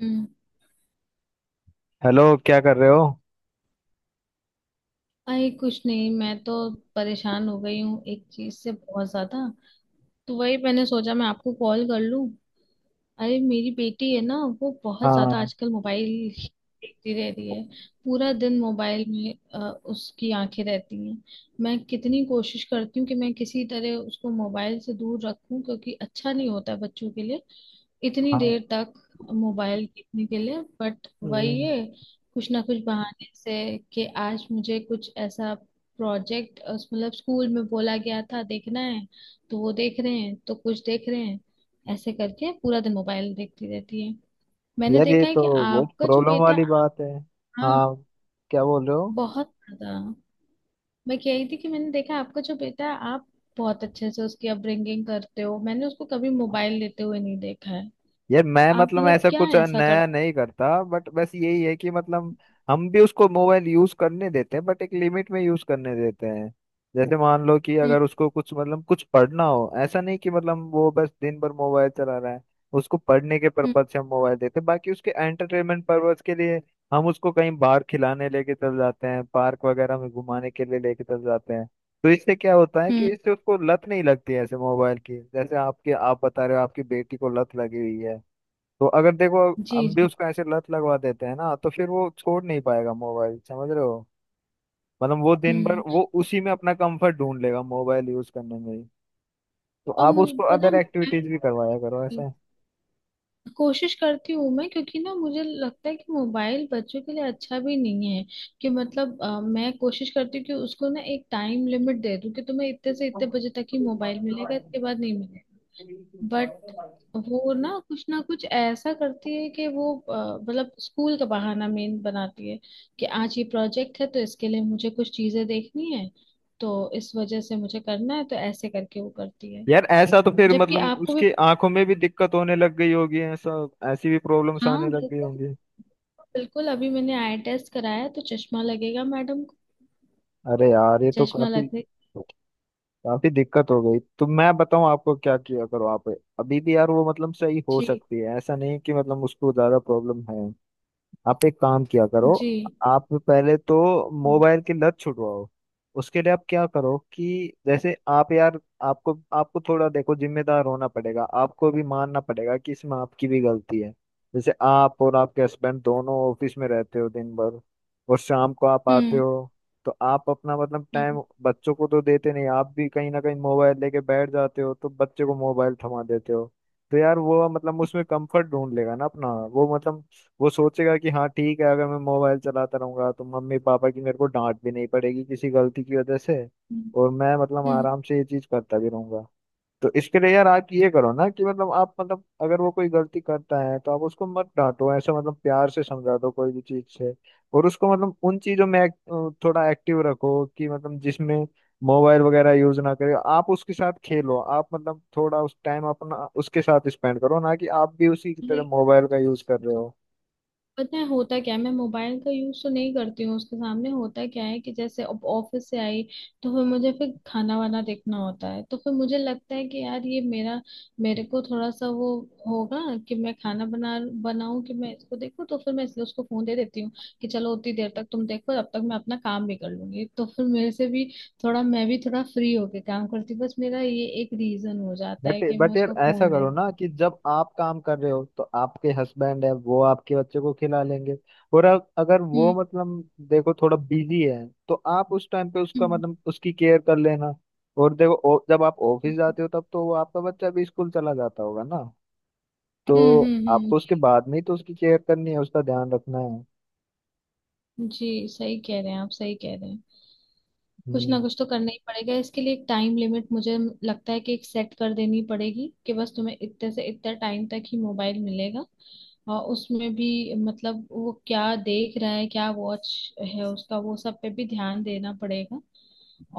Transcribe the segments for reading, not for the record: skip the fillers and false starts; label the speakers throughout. Speaker 1: हम्म,
Speaker 2: hello, क्या कर रहे हो?
Speaker 1: अरे कुछ नहीं, मैं तो परेशान हो गई हूँ एक चीज से बहुत ज्यादा। तो वही मैंने सोचा मैं आपको कॉल कर लूं। अरे, मेरी बेटी है ना, वो बहुत ज्यादा
Speaker 2: हाँ।
Speaker 1: आजकल मोबाइल देखती रह रही है। पूरा दिन मोबाइल में उसकी आंखें रहती हैं। मैं कितनी कोशिश करती हूँ कि मैं किसी तरह उसको मोबाइल से दूर रखूं, क्योंकि अच्छा नहीं होता है बच्चों के लिए इतनी
Speaker 2: हाँ।
Speaker 1: देर तक मोबाइल देखने के लिए, बट वही
Speaker 2: हम्म,
Speaker 1: है, कुछ ना कुछ बहाने से, कि आज मुझे कुछ ऐसा प्रोजेक्ट, मतलब स्कूल में बोला गया था, देखना है। तो वो देख रहे हैं तो कुछ देख रहे हैं, ऐसे करके पूरा दिन मोबाइल देखती रहती है। मैंने
Speaker 2: यार ये
Speaker 1: देखा है
Speaker 2: तो
Speaker 1: कि
Speaker 2: बहुत
Speaker 1: आपका जो
Speaker 2: प्रॉब्लम
Speaker 1: बेटा।
Speaker 2: वाली बात है।
Speaker 1: हाँ।
Speaker 2: हाँ, क्या बोल रहे हो?
Speaker 1: बहुत ज्यादा। मैं कह रही थी कि मैंने देखा, आपका जो बेटा है, आप बहुत अच्छे से उसकी अपब्रिंगिंग करते हो, मैंने उसको कभी मोबाइल लेते हुए नहीं देखा है।
Speaker 2: यार
Speaker 1: तो
Speaker 2: मैं
Speaker 1: आप
Speaker 2: मतलब
Speaker 1: मतलब
Speaker 2: ऐसा
Speaker 1: क्या
Speaker 2: कुछ
Speaker 1: ऐसा
Speaker 2: नया
Speaker 1: करते।
Speaker 2: नहीं करता बट बस यही है कि मतलब हम भी उसको मोबाइल यूज करने देते हैं बट एक लिमिट में यूज करने देते हैं। जैसे मान लो कि अगर उसको कुछ मतलब कुछ पढ़ना हो, ऐसा नहीं कि मतलब वो बस दिन भर मोबाइल चला रहा है। उसको पढ़ने के
Speaker 1: हम्म,
Speaker 2: पर्पज से हम मोबाइल देते हैं, बाकी उसके एंटरटेनमेंट पर्पज के लिए हम उसको कहीं बाहर खिलाने लेके चल जाते हैं, पार्क वगैरह में घुमाने के लिए लेके चल जाते हैं। तो इससे क्या होता है कि
Speaker 1: हम्म।
Speaker 2: इससे उसको लत नहीं लगती है ऐसे मोबाइल की। जैसे आपके आप बता रहे हो आपकी बेटी को लत लगी हुई है। तो अगर देखो
Speaker 1: जी,
Speaker 2: हम भी
Speaker 1: जी।
Speaker 2: उसको ऐसे लत लगवा देते हैं ना तो फिर वो छोड़ नहीं पाएगा मोबाइल, समझ रहे हो? मतलब वो दिन भर
Speaker 1: हम्म।
Speaker 2: वो उसी में अपना कंफर्ट ढूंढ लेगा, मोबाइल यूज करने में ही। तो
Speaker 1: और
Speaker 2: आप
Speaker 1: मुझे
Speaker 2: उसको
Speaker 1: पता है
Speaker 2: अदर एक्टिविटीज
Speaker 1: मोबाइल,
Speaker 2: भी करवाया करो ऐसा।
Speaker 1: कोशिश करती हूँ मैं, क्योंकि ना मुझे लगता है कि मोबाइल बच्चों के लिए अच्छा भी नहीं है। कि मतलब मैं कोशिश करती हूँ कि उसको ना एक टाइम लिमिट दे दूँ, कि तुम्हें इतने से इतने बजे तक ही मोबाइल मिलेगा, इसके बाद नहीं मिलेगा। बट वो ना कुछ ऐसा करती है कि वो मतलब स्कूल का बहाना मेन बनाती है। कि आज ये प्रोजेक्ट है, तो इसके लिए मुझे कुछ चीजें देखनी है, तो इस वजह से मुझे करना है, तो ऐसे करके वो करती है।
Speaker 2: यार ऐसा तो फिर
Speaker 1: जबकि
Speaker 2: मतलब
Speaker 1: आपको भी।
Speaker 2: उसकी आंखों में भी दिक्कत होने लग गई होगी, ऐसा ऐसी भी प्रॉब्लम्स आने
Speaker 1: हाँ,
Speaker 2: लग गई
Speaker 1: बिल्कुल।
Speaker 2: होंगी।
Speaker 1: बिल्कुल, अभी मैंने आई टेस्ट कराया तो चश्मा लगेगा मैडम को।
Speaker 2: अरे यार ये तो
Speaker 1: चश्मा
Speaker 2: काफी
Speaker 1: लगने।
Speaker 2: काफी दिक्कत हो गई। तो मैं बताऊं आपको क्या किया करो आप। अभी भी यार वो मतलब सही हो
Speaker 1: जी,
Speaker 2: सकती है, ऐसा नहीं कि मतलब उसको ज्यादा प्रॉब्लम है। आप एक काम किया करो,
Speaker 1: जी।
Speaker 2: आप पहले तो
Speaker 1: हम्म,
Speaker 2: मोबाइल की लत छुड़वाओ। उसके लिए आप क्या करो कि जैसे आप यार आपको आपको थोड़ा देखो जिम्मेदार होना पड़ेगा, आपको भी मानना पड़ेगा कि इसमें आपकी भी गलती है। जैसे आप और आपके हस्बैंड दोनों ऑफिस में रहते हो दिन भर और शाम को आप आते हो, तो आप अपना मतलब टाइम
Speaker 1: हम्म,
Speaker 2: बच्चों को तो देते नहीं, आप भी कहीं ना कहीं मोबाइल लेके बैठ जाते हो तो बच्चे को मोबाइल थमा देते हो। तो यार वो मतलब उसमें कंफर्ट ढूंढ लेगा ना अपना, वो मतलब वो सोचेगा कि हाँ ठीक है अगर मैं मोबाइल चलाता रहूंगा तो मम्मी पापा की मेरे को डांट भी नहीं पड़ेगी किसी गलती की वजह से
Speaker 1: हम्म,
Speaker 2: और मैं मतलब
Speaker 1: हम्म।
Speaker 2: आराम से ये चीज करता भी रहूंगा। तो इसके लिए यार आप ये करो ना कि मतलब आप मतलब अगर वो कोई गलती करता है तो आप उसको मत डांटो, ऐसा मतलब प्यार से समझा दो कोई भी चीज से। और उसको मतलब उन चीजों में थोड़ा एक्टिव रखो कि मतलब जिसमें मोबाइल वगैरह यूज ना करे। आप उसके साथ खेलो, आप मतलब थोड़ा उस टाइम अपना उसके साथ स्पेंड करो, ना कि आप भी उसी की तरह मोबाइल का यूज कर रहे हो।
Speaker 1: पता है होता क्या है, मैं मोबाइल का यूज तो नहीं करती हूँ उसके सामने। होता क्या है कि जैसे अब ऑफिस से आई, तो फिर मुझे फिर खाना वाना देखना होता है, तो फिर मुझे लगता है कि यार ये मेरा, मेरे को थोड़ा सा वो होगा, कि मैं खाना बना बनाऊं कि मैं इसको देखूं, तो फिर मैं इसलिए उसको फोन दे देती हूँ, कि चलो उतनी देर तक तुम देखो, तब तक मैं अपना काम भी कर लूंगी, तो फिर मेरे से भी थोड़ा, मैं भी थोड़ा फ्री होके काम करती हूँ। बस मेरा ये एक रीजन हो जाता
Speaker 2: बट
Speaker 1: है कि मैं
Speaker 2: बट यार
Speaker 1: उसको
Speaker 2: ऐसा
Speaker 1: फोन दे
Speaker 2: करो
Speaker 1: देती
Speaker 2: ना कि जब आप काम कर रहे हो तो आपके हस्बैंड है वो आपके बच्चे को खिला लेंगे। और अगर
Speaker 1: हूँ। हम्म,
Speaker 2: वो मतलब देखो थोड़ा बिजी है तो आप उस टाइम पे उसका
Speaker 1: हम्म,
Speaker 2: मतलब उसकी केयर कर लेना। और देखो जब आप ऑफिस जाते हो तब तो वो आपका बच्चा भी स्कूल चला जाता होगा ना, तो
Speaker 1: हम्म, हम्म, हम्म।
Speaker 2: आपको उसके बाद में ही तो उसकी केयर करनी है, उसका ध्यान रखना है।
Speaker 1: जी, सही कह रहे हैं आप, सही कह रहे हैं। कुछ
Speaker 2: हम्म।
Speaker 1: ना कुछ तो करना ही पड़ेगा इसके लिए, एक टाइम लिमिट मुझे लगता है कि एक सेट कर देनी पड़ेगी, कि बस तुम्हें इतने से इतना टाइम तक ही मोबाइल मिलेगा। और उसमें भी मतलब वो क्या देख रहा है, क्या वॉच है उसका, वो सब पे भी ध्यान देना पड़ेगा।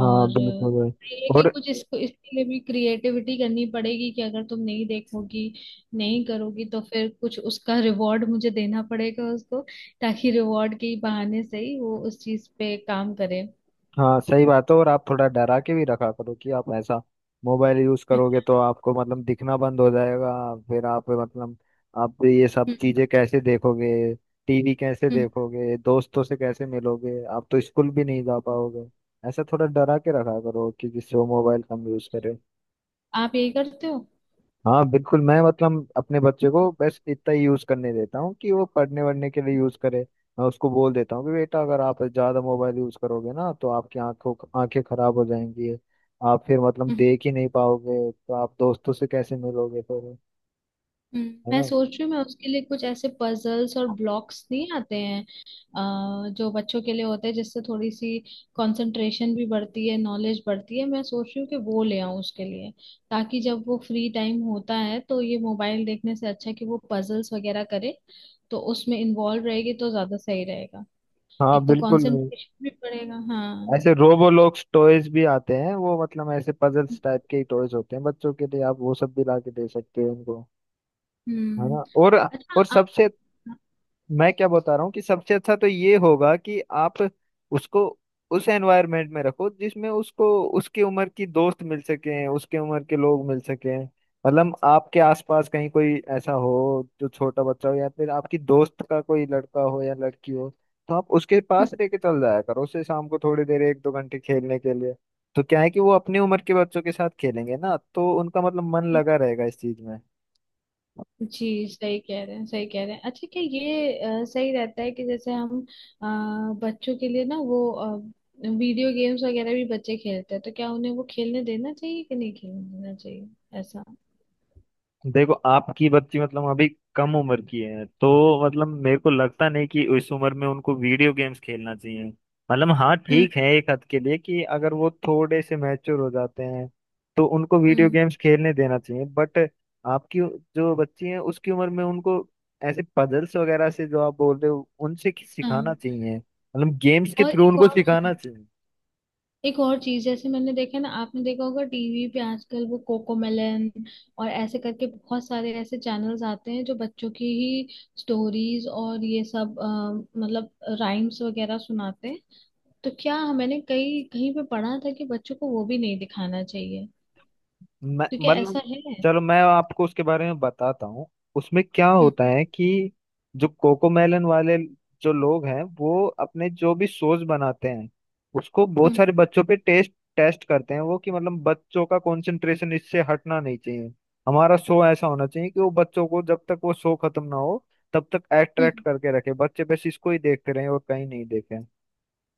Speaker 2: हाँ
Speaker 1: और
Speaker 2: बिल्कुल भाई।
Speaker 1: ये है कि
Speaker 2: और
Speaker 1: कुछ इसको, इसके लिए भी क्रिएटिविटी करनी पड़ेगी, कि अगर तुम नहीं देखोगी नहीं करोगी, तो फिर कुछ उसका रिवॉर्ड मुझे देना पड़ेगा उसको, ताकि रिवॉर्ड के ही बहाने से ही वो उस चीज पे काम करे।
Speaker 2: हाँ सही बात है। और आप थोड़ा डरा के भी रखा करो कि आप ऐसा मोबाइल यूज करोगे तो आपको मतलब दिखना बंद हो जाएगा। फिर आप मतलब आप ये सब
Speaker 1: हम्म,
Speaker 2: चीजें कैसे देखोगे, टीवी कैसे
Speaker 1: हम्म।
Speaker 2: देखोगे, दोस्तों से कैसे मिलोगे, आप तो स्कूल भी नहीं जा पाओगे। ऐसा थोड़ा डरा के रखा करो कि जिससे वो मोबाइल कम यूज करे।
Speaker 1: आप यही करते हो?
Speaker 2: हाँ बिल्कुल, मैं मतलब अपने बच्चे को बस इतना ही यूज करने देता हूँ कि वो पढ़ने वढ़ने के लिए यूज करे। मैं उसको बोल देता हूँ कि बेटा अगर आप ज्यादा मोबाइल यूज करोगे ना तो आपकी आंखों आंखें खराब हो जाएंगी। आप फिर मतलब देख ही नहीं पाओगे तो आप दोस्तों से कैसे मिलोगे फिर, है
Speaker 1: मैं
Speaker 2: ना?
Speaker 1: सोच रही हूँ, मैं उसके लिए कुछ ऐसे पजल्स और ब्लॉक्स नहीं आते हैं जो बच्चों के लिए होते हैं, जिससे थोड़ी सी कंसंट्रेशन भी बढ़ती है, नॉलेज बढ़ती है, मैं सोच रही हूँ कि वो ले आऊँ उसके लिए, ताकि जब वो फ्री टाइम होता है तो ये मोबाइल देखने से अच्छा है कि वो पजल्स वगैरह करे, तो उसमें इन्वॉल्व रहेगी तो ज्यादा सही रहेगा।
Speaker 2: हाँ
Speaker 1: एक तो
Speaker 2: बिल्कुल।
Speaker 1: कंसंट्रेशन भी बढ़ेगा, हाँ।
Speaker 2: ऐसे रोबोलॉक्स टॉयज भी आते हैं, वो मतलब ऐसे पजल्स टाइप के ही टॉयज होते हैं बच्चों के लिए। आप वो सब भी ला के दे सकते हो उनको, है
Speaker 1: हम्म।
Speaker 2: ना? और
Speaker 1: अच्छा।
Speaker 2: सबसे मैं क्या बता रहा हूँ कि सबसे अच्छा तो ये होगा कि आप उसको उस एनवायरनमेंट में रखो जिसमें उसको उसकी उम्र की दोस्त मिल सके, उसके उम्र के लोग मिल सके। मतलब आपके आसपास कहीं कोई ऐसा हो जो छोटा बच्चा हो या फिर आपकी दोस्त का कोई लड़का हो या लड़की हो, तो आप उसके
Speaker 1: आप।
Speaker 2: पास लेके चल जाया करो उसे शाम को थोड़ी देर एक दो घंटे खेलने के लिए। तो क्या है कि वो अपनी उम्र के बच्चों के साथ खेलेंगे ना तो उनका मतलब मन लगा रहेगा इस चीज में।
Speaker 1: जी, सही कह रहे हैं, सही कह रहे हैं। अच्छा, क्या ये सही रहता है कि जैसे हम अ, बच्चों के लिए ना वो वीडियो गेम्स वगैरह भी बच्चे खेलते हैं, तो क्या उन्हें वो खेलने देना चाहिए कि नहीं खेलने देना चाहिए? ऐसा।
Speaker 2: देखो आपकी बच्ची मतलब अभी कम उम्र की है तो मतलब मेरे को लगता नहीं कि इस उम्र में उनको वीडियो गेम्स खेलना चाहिए। मतलब हाँ
Speaker 1: हम्म,
Speaker 2: ठीक है एक हद के लिए कि अगर वो थोड़े से मैच्योर हो जाते हैं तो उनको वीडियो
Speaker 1: हम्म,
Speaker 2: गेम्स खेलने देना चाहिए, बट आपकी जो बच्ची है उसकी उम्र में उनको ऐसे पजल्स वगैरह से जो आप बोल रहे हो उनसे सिखाना
Speaker 1: हाँ।
Speaker 2: चाहिए, मतलब गेम्स के
Speaker 1: और
Speaker 2: थ्रू
Speaker 1: एक
Speaker 2: उनको
Speaker 1: और चीज,
Speaker 2: सिखाना।
Speaker 1: एक और चीज, जैसे मैंने देखा ना, आपने देखा होगा टीवी पे आजकल वो कोकोमेलन और ऐसे करके बहुत सारे ऐसे चैनल्स आते हैं जो बच्चों की ही स्टोरीज और ये सब मतलब राइम्स वगैरह सुनाते हैं। तो क्या, मैंने कहीं कहीं पे पढ़ा था कि बच्चों को वो भी नहीं दिखाना चाहिए,
Speaker 2: मैं
Speaker 1: तो क्या
Speaker 2: मतलब
Speaker 1: ऐसा है?
Speaker 2: चलो मैं आपको उसके बारे में बताता हूँ। उसमें क्या
Speaker 1: हम्म,
Speaker 2: होता है कि जो कोकोमेलन वाले जो लोग हैं वो अपने जो भी सोस बनाते हैं उसको बहुत
Speaker 1: हम्म,
Speaker 2: सारे बच्चों पे टेस्ट टेस्ट करते हैं वो कि मतलब बच्चों का कंसंट्रेशन इससे हटना नहीं चाहिए। हमारा शो ऐसा होना चाहिए कि वो बच्चों को जब तक वो शो खत्म ना हो तब तक अट्रैक्ट
Speaker 1: हम्म।
Speaker 2: करके रखे, बच्चे बस इसको ही देखते रहे और कहीं नहीं देखे,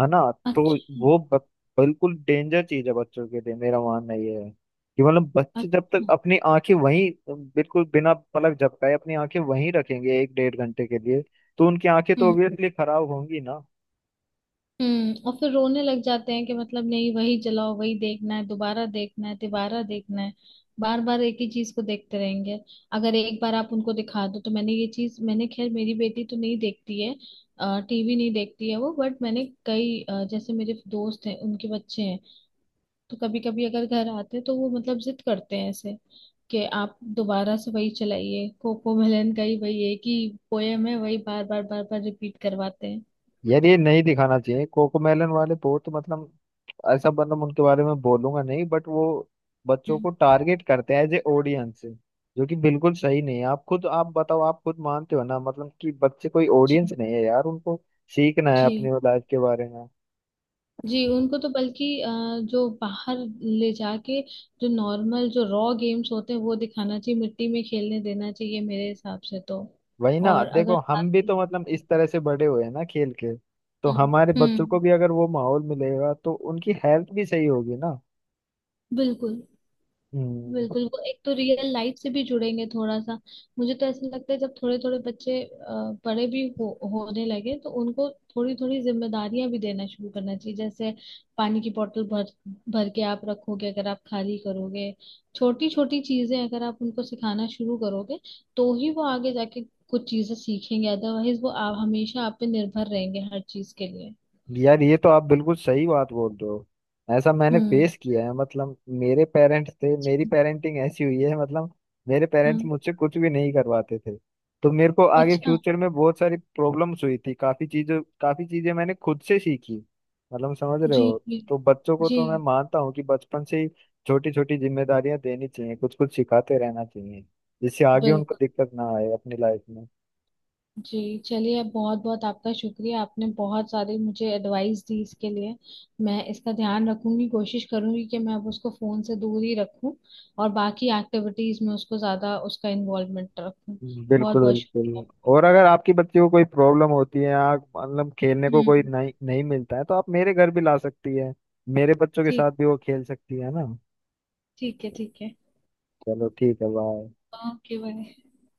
Speaker 2: है ना? तो
Speaker 1: अच्छा।
Speaker 2: वो ब- बिल्कुल डेंजर चीज है बच्चों के लिए। मेरा मानना ये है कि मतलब बच्चे जब तक
Speaker 1: अच्छा।
Speaker 2: अपनी आंखें वहीं बिल्कुल बिना पलक झपकाए अपनी आंखें वहीं रखेंगे एक डेढ़ घंटे के लिए तो उनकी आंखें तो
Speaker 1: हम्म,
Speaker 2: ऑब्वियसली खराब होंगी ना।
Speaker 1: हम्म। और फिर रोने लग जाते हैं, कि मतलब नहीं, वही चलाओ, वही देखना है, दोबारा देखना है, तिबारा देखना है, बार बार एक ही चीज को देखते रहेंगे अगर एक बार आप उनको दिखा दो। तो मैंने ये चीज, मैंने खैर, मेरी बेटी तो नहीं देखती है टीवी, नहीं देखती है वो, बट मैंने कई जैसे मेरे दोस्त हैं, उनके बच्चे हैं, तो कभी कभी अगर घर आते हैं तो वो मतलब जिद करते हैं ऐसे, कि आप दोबारा से वही चलाइए, कोको मेलन का ही वही एक ही पोयम है, वही बार बार बार बार रिपीट करवाते हैं।
Speaker 2: यार ये नहीं दिखाना चाहिए, कोकोमेलन वाले बहुत मतलब ऐसा मतलब उनके बारे में बोलूंगा नहीं बट वो बच्चों
Speaker 1: हम्म,
Speaker 2: को टारगेट करते हैं एज ए ऑडियंस, जो कि बिल्कुल सही नहीं है। आप खुद आप बताओ, आप खुद मानते हो ना मतलब कि बच्चे कोई
Speaker 1: जी,
Speaker 2: ऑडियंस नहीं है यार, उनको सीखना है अपनी
Speaker 1: जी।
Speaker 2: लाइफ के बारे में।
Speaker 1: जी, उनको तो बल्कि जो बाहर ले जाके जो नॉर्मल, जो रॉ गेम्स होते हैं वो दिखाना चाहिए, मिट्टी में खेलने देना चाहिए मेरे हिसाब से तो।
Speaker 2: वही ना
Speaker 1: और अगर
Speaker 2: देखो
Speaker 1: साथ
Speaker 2: हम भी
Speaker 1: में-।
Speaker 2: तो मतलब इस तरह से बड़े हुए हैं ना खेल के, तो
Speaker 1: हम्म,
Speaker 2: हमारे बच्चों को
Speaker 1: हम्म,
Speaker 2: भी अगर वो माहौल मिलेगा तो उनकी हेल्थ भी सही होगी ना।
Speaker 1: बिल्कुल।
Speaker 2: हम्म।
Speaker 1: बिल्कुल, वो एक तो रियल लाइफ से भी जुड़ेंगे थोड़ा सा। मुझे तो ऐसा लगता है जब थोड़े थोड़े बच्चे बड़े भी हो होने लगे, तो उनको थोड़ी थोड़ी जिम्मेदारियां भी देना शुरू करना चाहिए, जैसे पानी की बोतल भर भर के आप रखोगे, अगर आप खाली करोगे, छोटी छोटी चीजें अगर आप उनको सिखाना शुरू करोगे तो ही वो आगे जाके कुछ चीजें सीखेंगे, अदरवाइज वो आप हमेशा आप पे निर्भर रहेंगे हर चीज के लिए।
Speaker 2: यार ये तो आप बिल्कुल सही बात बोल रहे हो। ऐसा मैंने
Speaker 1: हम्म,
Speaker 2: फेस किया है मतलब मेरे पेरेंट्स थे, मेरी पेरेंटिंग ऐसी हुई है मतलब मेरे पेरेंट्स
Speaker 1: हाँ,
Speaker 2: मुझसे कुछ भी नहीं करवाते थे, तो मेरे को आगे
Speaker 1: अच्छा,
Speaker 2: फ्यूचर में बहुत सारी प्रॉब्लम्स हुई थी। काफी चीजें मैंने खुद से सीखी, मतलब समझ रहे
Speaker 1: जी,
Speaker 2: हो।
Speaker 1: जी,
Speaker 2: तो बच्चों को
Speaker 1: जी,
Speaker 2: तो मैं मानता हूँ कि बचपन से ही छोटी छोटी जिम्मेदारियां देनी चाहिए, कुछ कुछ सिखाते रहना चाहिए, जिससे आगे उनको
Speaker 1: बिल्कुल,
Speaker 2: दिक्कत ना आए अपनी लाइफ में।
Speaker 1: जी। चलिए, बहुत बहुत आपका शुक्रिया, आपने बहुत सारी मुझे एडवाइस दी इसके लिए। मैं इसका ध्यान रखूंगी, कोशिश करूंगी कि मैं अब उसको फोन से दूर ही रखूं और बाकी एक्टिविटीज में उसको ज्यादा उसका इन्वॉल्वमेंट रखूं। बहुत
Speaker 2: बिल्कुल
Speaker 1: बहुत शुक्रिया।
Speaker 2: बिल्कुल। और अगर आपकी बच्ची को कोई प्रॉब्लम होती है या मतलब खेलने को कोई
Speaker 1: हम्म।
Speaker 2: नहीं नहीं मिलता है तो आप मेरे घर भी ला सकती है, मेरे बच्चों के साथ
Speaker 1: ठीक,
Speaker 2: भी वो खेल सकती है ना।
Speaker 1: ठीक है, ठीक है।
Speaker 2: चलो ठीक है, बाय।
Speaker 1: Okay, bye.